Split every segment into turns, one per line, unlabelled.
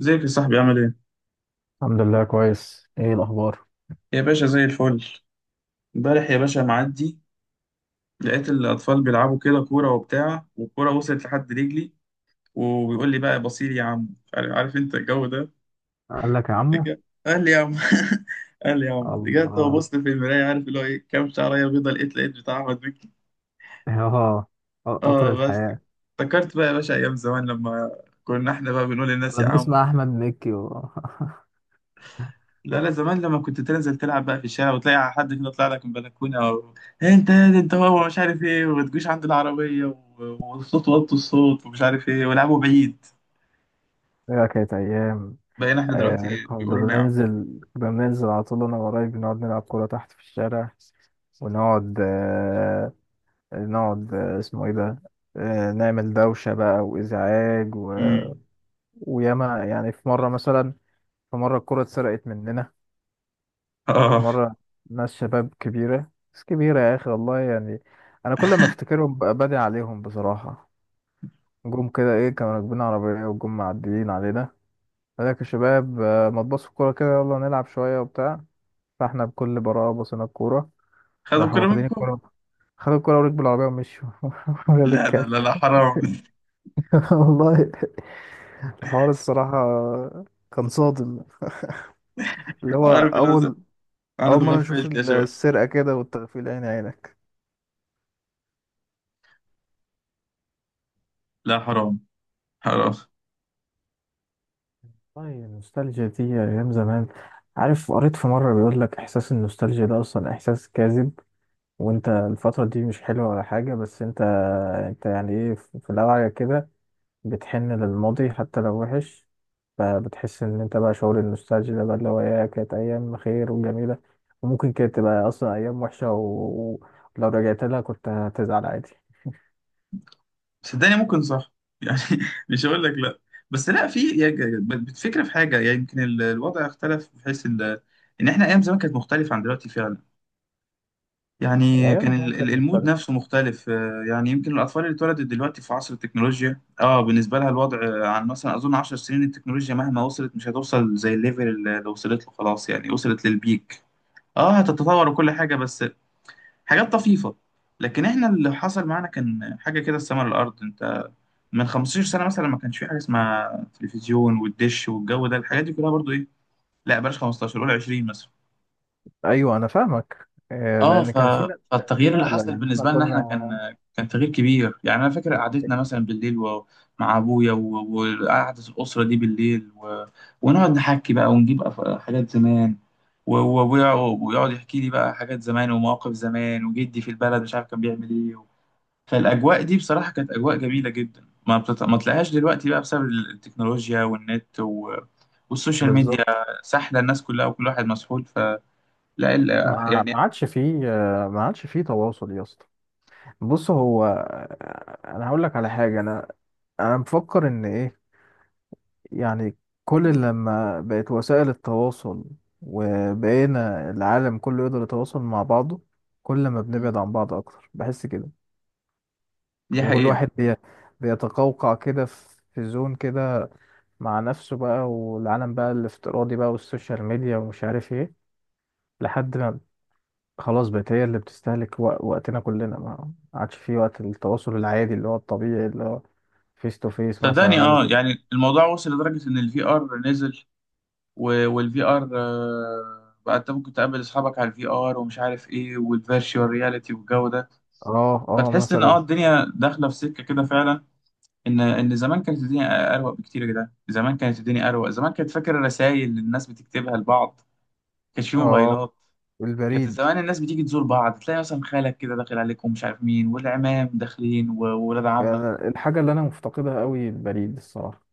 ازيك يا صاحبي؟ عامل ايه؟
الحمد لله كويس. ايه الاخبار؟
يا باشا زي الفل. امبارح يا باشا معدي لقيت الأطفال بيلعبوا كده كورة وبتاع، والكورة وصلت لحد رجلي وبيقول لي بقى بصير يا عم. عارف انت الجو ده.
قال لك يا عمو.
رجع- قال لي يا عم. قال لي يا عم، رجعت
الله.
وبصت في المراية، عارف اللي هو ايه، كام شعرية بيضة لقيت بتاع أحمد مكي.
اه. قطر
اه بس،
الحياة.
افتكرت بقى يا باشا أيام زمان، لما كنا احنا بقى بنقول للناس
كنا
يا عم.
بنسمع أحمد مكي و...
لا لا، زمان لما كنت تنزل تلعب بقى في الشارع وتلاقي حد كده طلع لك من بلكونه او إيه، انت يا دي انت، هو مش عارف ايه، وما تجوش عند العربيه والصوت، وطوا الصوت ومش عارف ايه، ولعبوا بعيد.
ايه كانت ايام.
بقينا احنا دلوقتي
آه،
إيه،
كنا
بيقولوا لنا يا عم.
بننزل، على طول انا وقرايبي نقعد نلعب كوره تحت في الشارع ونقعد، آه، نقعد، آه، اسمه ايه ده، آه، نعمل دوشه بقى وازعاج و...
امم
وياما في مره مثلا، في مره الكوره اتسرقت مننا.
اه،
مرة، ناس شباب كبيرة، ناس كبيرة يا أخي والله. أنا كل ما أفتكرهم ببقى بادي عليهم بصراحة. جم كده، إيه، كانوا راكبين عربية وجم معديين علينا. قال لك يا شباب، آه، ما تبصوا الكورة كده، يلا نلعب شوية وبتاع. فإحنا بكل براءة بصينا الكورة،
خدوا
راحوا
الكوره
واخدين
منكم.
الكورة، خدوا الكورة وركبوا العربية ومشوا. قال
لا لا
الكلب.
لا لا حرام.
والله الحوار الصراحة كان صادم. اللي هو
عارف الازم،
أول،
انا
أول مرة نشوف
اتغفلت يا شباب.
السرقة كده والتغفيل عين عينك.
لا حرام، حرام.
والله النوستالجيا دي أيام زمان. عارف، قريت في مرة بيقول لك إحساس النوستالجيا ده أصلا إحساس كاذب، وأنت الفترة دي مش حلوة ولا حاجة، بس أنت، أنت إيه في الأوعية كده بتحن للماضي حتى لو وحش، فبتحس إن أنت بقى شعور النوستالجيا ده بقى اللي هو إيه كانت أيام خير وجميلة، وممكن كانت تبقى أصلا أيام وحشة و- ولو رجعت لها كنت هتزعل عادي.
صدقني ممكن صح، يعني مش هقول لك لا، بس لا، في يعني بتفكر في حاجه، يعني يمكن الوضع اختلف بحيث ان احنا ايام زمان كانت مختلفه عن دلوقتي فعلا. يعني كان
الأيام زمان كانت
المود
مختلفة.
نفسه مختلف، آه، يعني يمكن الأطفال اللي اتولدت دلوقتي في عصر التكنولوجيا، اه بالنسبة لها الوضع آه، عن مثلا أظن عشر سنين التكنولوجيا مهما وصلت مش هتوصل زي الليفل اللي وصلت له، خلاص يعني وصلت للبيك. اه هتتطور وكل حاجة، بس حاجات طفيفة. لكن احنا اللي حصل معانا كان حاجة كده السما للأرض. انت من 15 سنة مثلا ما كانش في حاجة اسمها تلفزيون والدش والجو ده، الحاجات دي كلها برضو ايه. لا بلاش 15، قول 20 مثلا.
أيوه، أنا فاهمك. آه،
اه
لأن
ف...
كان في نقلة، كان في
فالتغيير اللي
نقلة،
حصل
إحنا
بالنسبه لنا احنا
كنا.
كان، كان تغيير كبير. يعني انا فاكر قعدتنا مثلا بالليل مع ابويا وقعده الاسره دي بالليل، و... ونقعد نحكي بقى ونجيب حاجات زمان، وابويا ويقعد يحكي لي بقى حاجات زمان ومواقف زمان، وجدي في البلد مش عارف كان بيعمل ايه. و... فالاجواء دي بصراحه كانت اجواء جميله جدا، ما تلاقيهاش دلوقتي بقى بسبب التكنولوجيا والنت و... والسوشيال ميديا.
بالظبط.
سحله الناس كلها وكل واحد مسحول. فلا ال...
ما
يعني.
ما عادش فيه، آه، ما عادش فيه تواصل يا اسطى. بص، هو، آه، انا هقول لك على حاجه. انا مفكر ان ايه، يعني كل لما بقت وسائل التواصل وبقينا العالم كله يقدر يتواصل مع بعضه، كل ما
مم.
بنبعد عن بعض اكتر بحس كده.
دي
لما كل
حقيقه.
واحد بيتقوقع كده في زون كده مع نفسه بقى، والعالم بقى الافتراضي بقى والسوشيال ميديا ومش عارف ايه، لحد ما خلاص بقت هي اللي بتستهلك وقتنا كلنا. ما عادش في وقت التواصل العادي، اللي هو الطبيعي، اللي هو فيس تو فيس.
صدقني
مثلا
اه،
انزل.
يعني الموضوع وصل لدرجة ان الفي ار نزل، والفي ار بقى انت ممكن تقابل اصحابك على الفي ار ومش عارف ايه، والفيرتشوال رياليتي والجو ده.
اه اه،
فتحس ان
مثلا
اه الدنيا داخلة في سكة كده فعلا. ان زمان كانت الدنيا اروق بكتير يا جدعان. زمان كانت الدنيا اروق. زمان كانت، فاكر الرسائل اللي الناس بتكتبها لبعض؟ كانش في
اه.
موبايلات. كانت
البريد.
زمان الناس بتيجي تزور بعض، تلاقي مثلا خالك كده داخل عليك ومش عارف مين، والعمام داخلين وولاد عمك.
الحاجة اللي انا مفتقدها قوي البريد الصراحة.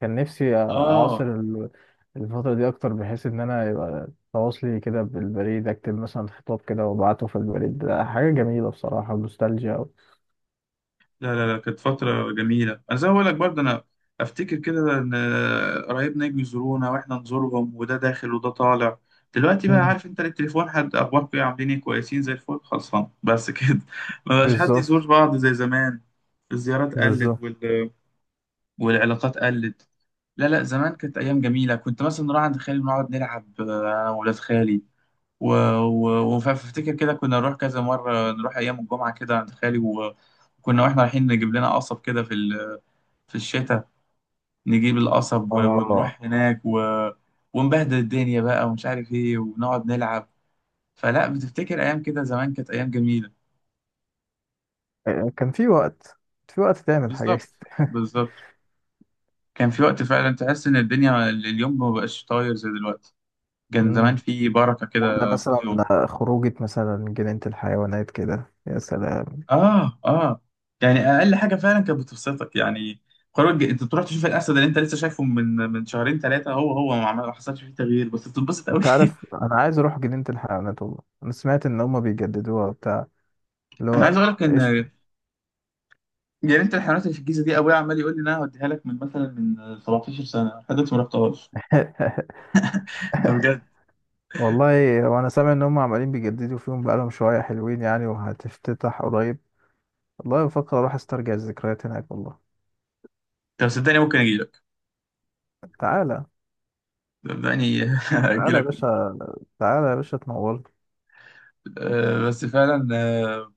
كان نفسي اعاصر
اه.
الفترة دي اكتر، بحيث ان انا يبقى تواصلي كده بالبريد، اكتب مثلا خطاب كده وابعته في البريد. ده حاجة جميلة بصراحة، نوستالجيا أوي.
لا لا لا كانت فترة جميلة. أنا زي ما بقول لك برضه، أنا أفتكر كده إن قرايبنا يجوا يزورونا وإحنا نزورهم، وده داخل وده طالع. دلوقتي بقى
مم.
عارف أنت التليفون، حد أخباركم إيه، عاملين إيه، كويسين زي الفل، خلصان بس كده. ما بقاش حد
بالظبط.
يزور بعض زي زمان. الزيارات قلت
بالظبط.
والعلاقات قلت. لا لا، زمان كانت أيام جميلة. كنت مثلا نروح عند خالي ونقعد نلعب، آه، أنا وولاد خالي، و... و... وفافتكر كده كنا نروح كذا مرة، نروح أيام الجمعة كده عند خالي، و- وكنا واحنا رايحين نجيب لنا قصب كده في في الشتاء. نجيب القصب و...
اه،
ونروح هناك، و... ونبهدل الدنيا بقى ومش عارف ايه، ونقعد نلعب. فلا بتفتكر أيام كده زمان كانت أيام جميلة.
كان في وقت، في وقت تعمل حاجات.
بالظبط، بالظبط. كان في وقت فعلا تحس إن الدنيا اليوم ما بقاش طاير زي دلوقتي. كان زمان
مم.
في بركة
ولا
كده في
مثلا
اليوم.
خروجة، مثلا جنينة الحيوانات كده، يا سلام.
اه اه، يعني اقل حاجه فعلا كانت بتبسطك، يعني انت تروح تشوف الاسد اللي انت لسه شايفه من شهرين ثلاثه، هو ما حصلش فيه تغيير، بس بتتبسط قوي.
انت عارف انا عايز اروح جنينة الحيوانات، والله انا سمعت ان هما بيجددوها وبتاع، اللي
انا
هو
عايز اقول لك ان
قشطة.
جنينه الحيوانات اللي في الجيزه دي، ابويا عمال يقول لي ان انا هوديها لك من مثلا من 17 سنه، لحد دلوقتي ما رحتهاش. ده بجد.
والله. وانا سامع ان هما عمالين بيجددوا فيهم بقالهم شوية، حلوين وهتفتتح قريب. والله بفكر اروح استرجع الذكريات هناك والله.
طب صدقني ممكن اجي لك.
تعالى.
صدقني اجي
تعالى يا
لك.
باشا، تعالى يا باشا تنور.
آه بس فعلا آه،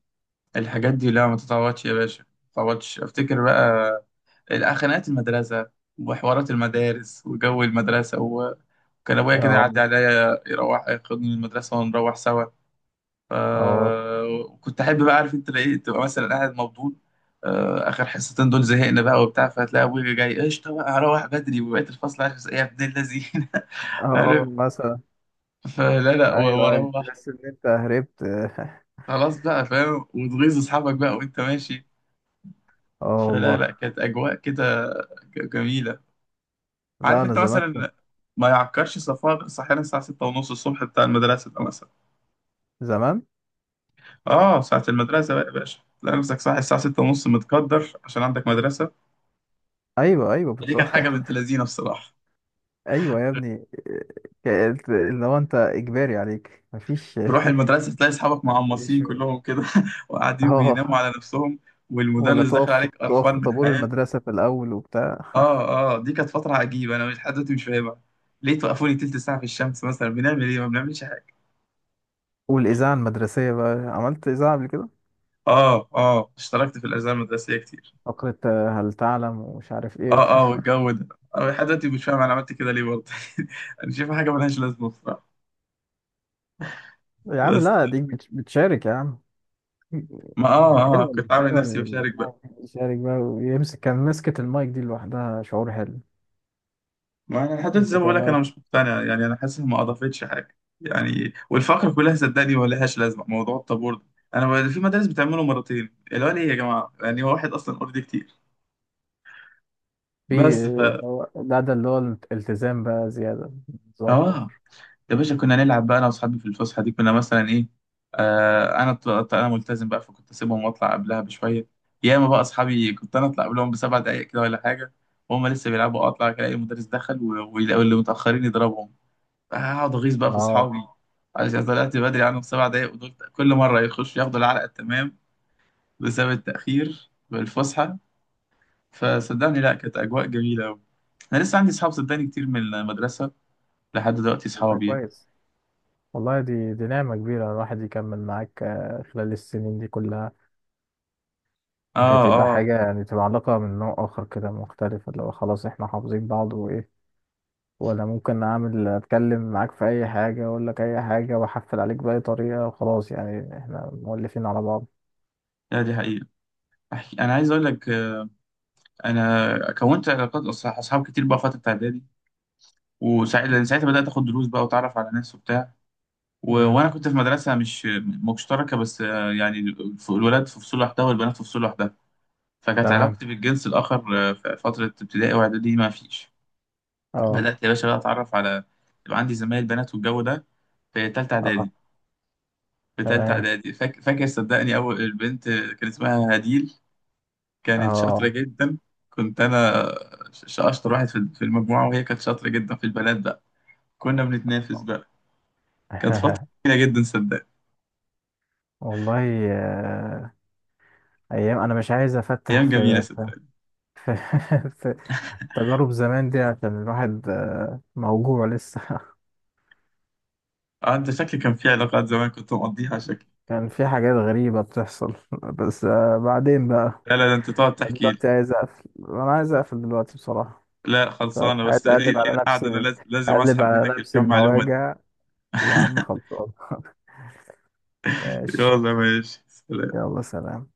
الحاجات دي لا ما تتعوضش يا باشا، ما تتعوضش. افتكر بقى الخناقات، المدرسه وحوارات المدارس وجو المدرسة. كان ابويا كده
اه
يعدي عليا، يروح ياخدني من المدرسه ونروح سوا. ف
اه.
كنت احب بقى، عارف انت لقيت تبقى مثلا قاعد مبدون، آه، اخر حصتين دول زهقنا بقى وبتاع، فتلاقي ابويا جاي، قشطه بقى هروح بدري، وبقيت الفصل عارف ايه، يا ابن اللذين.
اه
عارف،
مثلا.
فلا لا
ايوه ايوه،
واروح.
تحس ان انت هربت.
خلاص بقى فاهم، وتغيظ اصحابك بقى وانت ماشي.
اه
فلا
والله.
لا كانت اجواء كده جميله.
لا
عارف
انا
انت
زمان،
مثلا، ما يعكرش صفاء صحينا الساعه 6:30 الصبح، بتاع المدرسه ده مثلا.
زمان.
اه ساعة المدرسة بقى يا باشا، تلاقي نفسك صاحي الساعة ستة ونص، متقدر عشان عندك مدرسة.
ايوه ايوه،
دي
بالظبط.
كانت حاجة بنت لذينة بصراحة.
ايوه يا ابني، كانت اللي هو انت اجباري عليك مفيش.
تروح المدرسة تلاقي أصحابك
مش.
معمصين كلهم كده، وقاعدين
اه.
بيناموا على نفسهم،
ولا
والمدرس داخل
تقف
عليك
تقف
قرفان
في
من
طابور
حياته.
المدرسه في الاول وبتاع.
اه اه، دي كانت فترة عجيبة، أنا مش لحد دلوقتي مش فاهمها. ليه توقفوني تلت ساعة في الشمس؟ مثلا بنعمل إيه؟ ما بنعملش حاجة.
والاذاعه المدرسيه بقى، عملت اذاعه قبل كده؟
اه اه، اشتركت في الأجزاء المدرسية كتير.
فقره هل تعلم ومش عارف ايه.
اه اه والجو ده. أنا لحد دلوقتي مش فاهم أنا عملت كده ليه برضه. أنا شايفها حاجة ملهاش لازمة بصراحة.
يا عم
بس
لا، ديك بتشارك يا عم.
ما
حلو،
اه اه
حلو إن
كنت عامل نفسي
الشارع
بشارك بقى.
يشارك بقى ويمسك، كان مسكة المايك دي لوحدها شعور حلو.
ما انا لحد دلوقتي زي ما
تمسك
بقول لك، انا
المايك.
مش مقتنع، يعني انا حاسس ما اضافتش حاجه، يعني والفقره كلها صدقني ما لهاش لازمه، موضوع الطابور ده انا في مدارس بتعمله مرتين، اللي هو ليه يا جماعه، يعني هو واحد اصلا اوريدي كتير.
في
بس ف
اللي هو- لا ده اللي هو الالتزام بقى زيادة، نظام
اه،
أوفر.
يا باشا كنا نلعب بقى انا واصحابي في الفسحه دي، كنا مثلا ايه، آه انا انا ملتزم بقى، فكنت اسيبهم واطلع قبلها بشويه. ياما بقى اصحابي، كنت انا اطلع قبلهم بسبع دقائق كده ولا حاجه، وهم لسه بيلعبوا. اطلع الاقي المدرس دخل، و- ويلاقوا اللي متاخرين يضربهم. هقعد اغيظ بقى في
اه.
اصحابي عشان طلعت بدري عنهم سبع دقايق، ودول كل مره يخشوا ياخدوا العلقه التمام بسبب التاخير والفسحه. فصدقني لا كانت اجواء جميله قوي. انا لسه عندي اصحاب صدقني كتير من المدرسه لحد دلوقتي
والله
اصحابي.
كويس. والله دي نعمة كبيرة الواحد يكمل معاك، آه، خلال السنين دي كلها.
اه
بتبقى
اه.
حاجة، تبقى علاقة من نوع آخر كده مختلف، اللي هو خلاص احنا حافظين بعض وإيه، وأنا ممكن أعمل، أتكلم معاك في أي حاجة، أقول لك أي حاجة، وأحفل عليك بأي طريقة، وخلاص احنا مؤلفين على بعض.
لا دي حقيقه. أحكي. انا عايز اقول لك آه، انا كونت علاقات اصحاب كتير بقى فتره اعدادي، وساعتها
مم.
ساعتها بدات اخد دروس بقى واتعرف على ناس وبتاع. و...
مم.
وانا كنت في مدرسه مش مشتركه، بس آه، يعني الولاد في فصول لوحدها والبنات في فصول لوحدها. فكانت
تمام.
علاقتي بالجنس الآخر آه، في فترة ابتدائي وإعدادي ما فيش.
اه
بدأت يا باشا بقى أتعرف على، يبقى عندي زمايل بنات والجو ده في تالتة
اه.
إعدادي. في تالتة
تمام.
إعدادي فاكر صدقني أول البنت آه، كان اسمها هديل. كانت شاطرة
اه.
جدا. كنت أنا أشطر واحد في في المجموعة، وهي كانت شاطرة جدا في البنات بقى. كنا بنتنافس بقى. كانت فترة جميلة جدا صدقني.
والله. آه، ايام. انا مش عايز افتح
أيام جميلة صدقني.
في, في تجارب زمان دي، عشان الواحد آه، موجوع لسه.
آه، أنت شكلي كان في علاقات زمان كنت مقضيها شكلي.
كان في حاجات غريبة بتحصل. بس آه، بعدين بقى
لا لا ده أنت تقعد تحكي.
دلوقتي عايز اقفل، دلوقتي بصراحة.
لا
فمش
خلصانة
عايز
بس
اقلب
لينا
على
قاعدة، أنا
نفسي،
لازم
اقلب
أسحب
على
منك
نفسي
الكم معلومة دي.
المواجع. يا عم خلصان. ماشي.
يلا ماشي، سلام.
يلا سلام.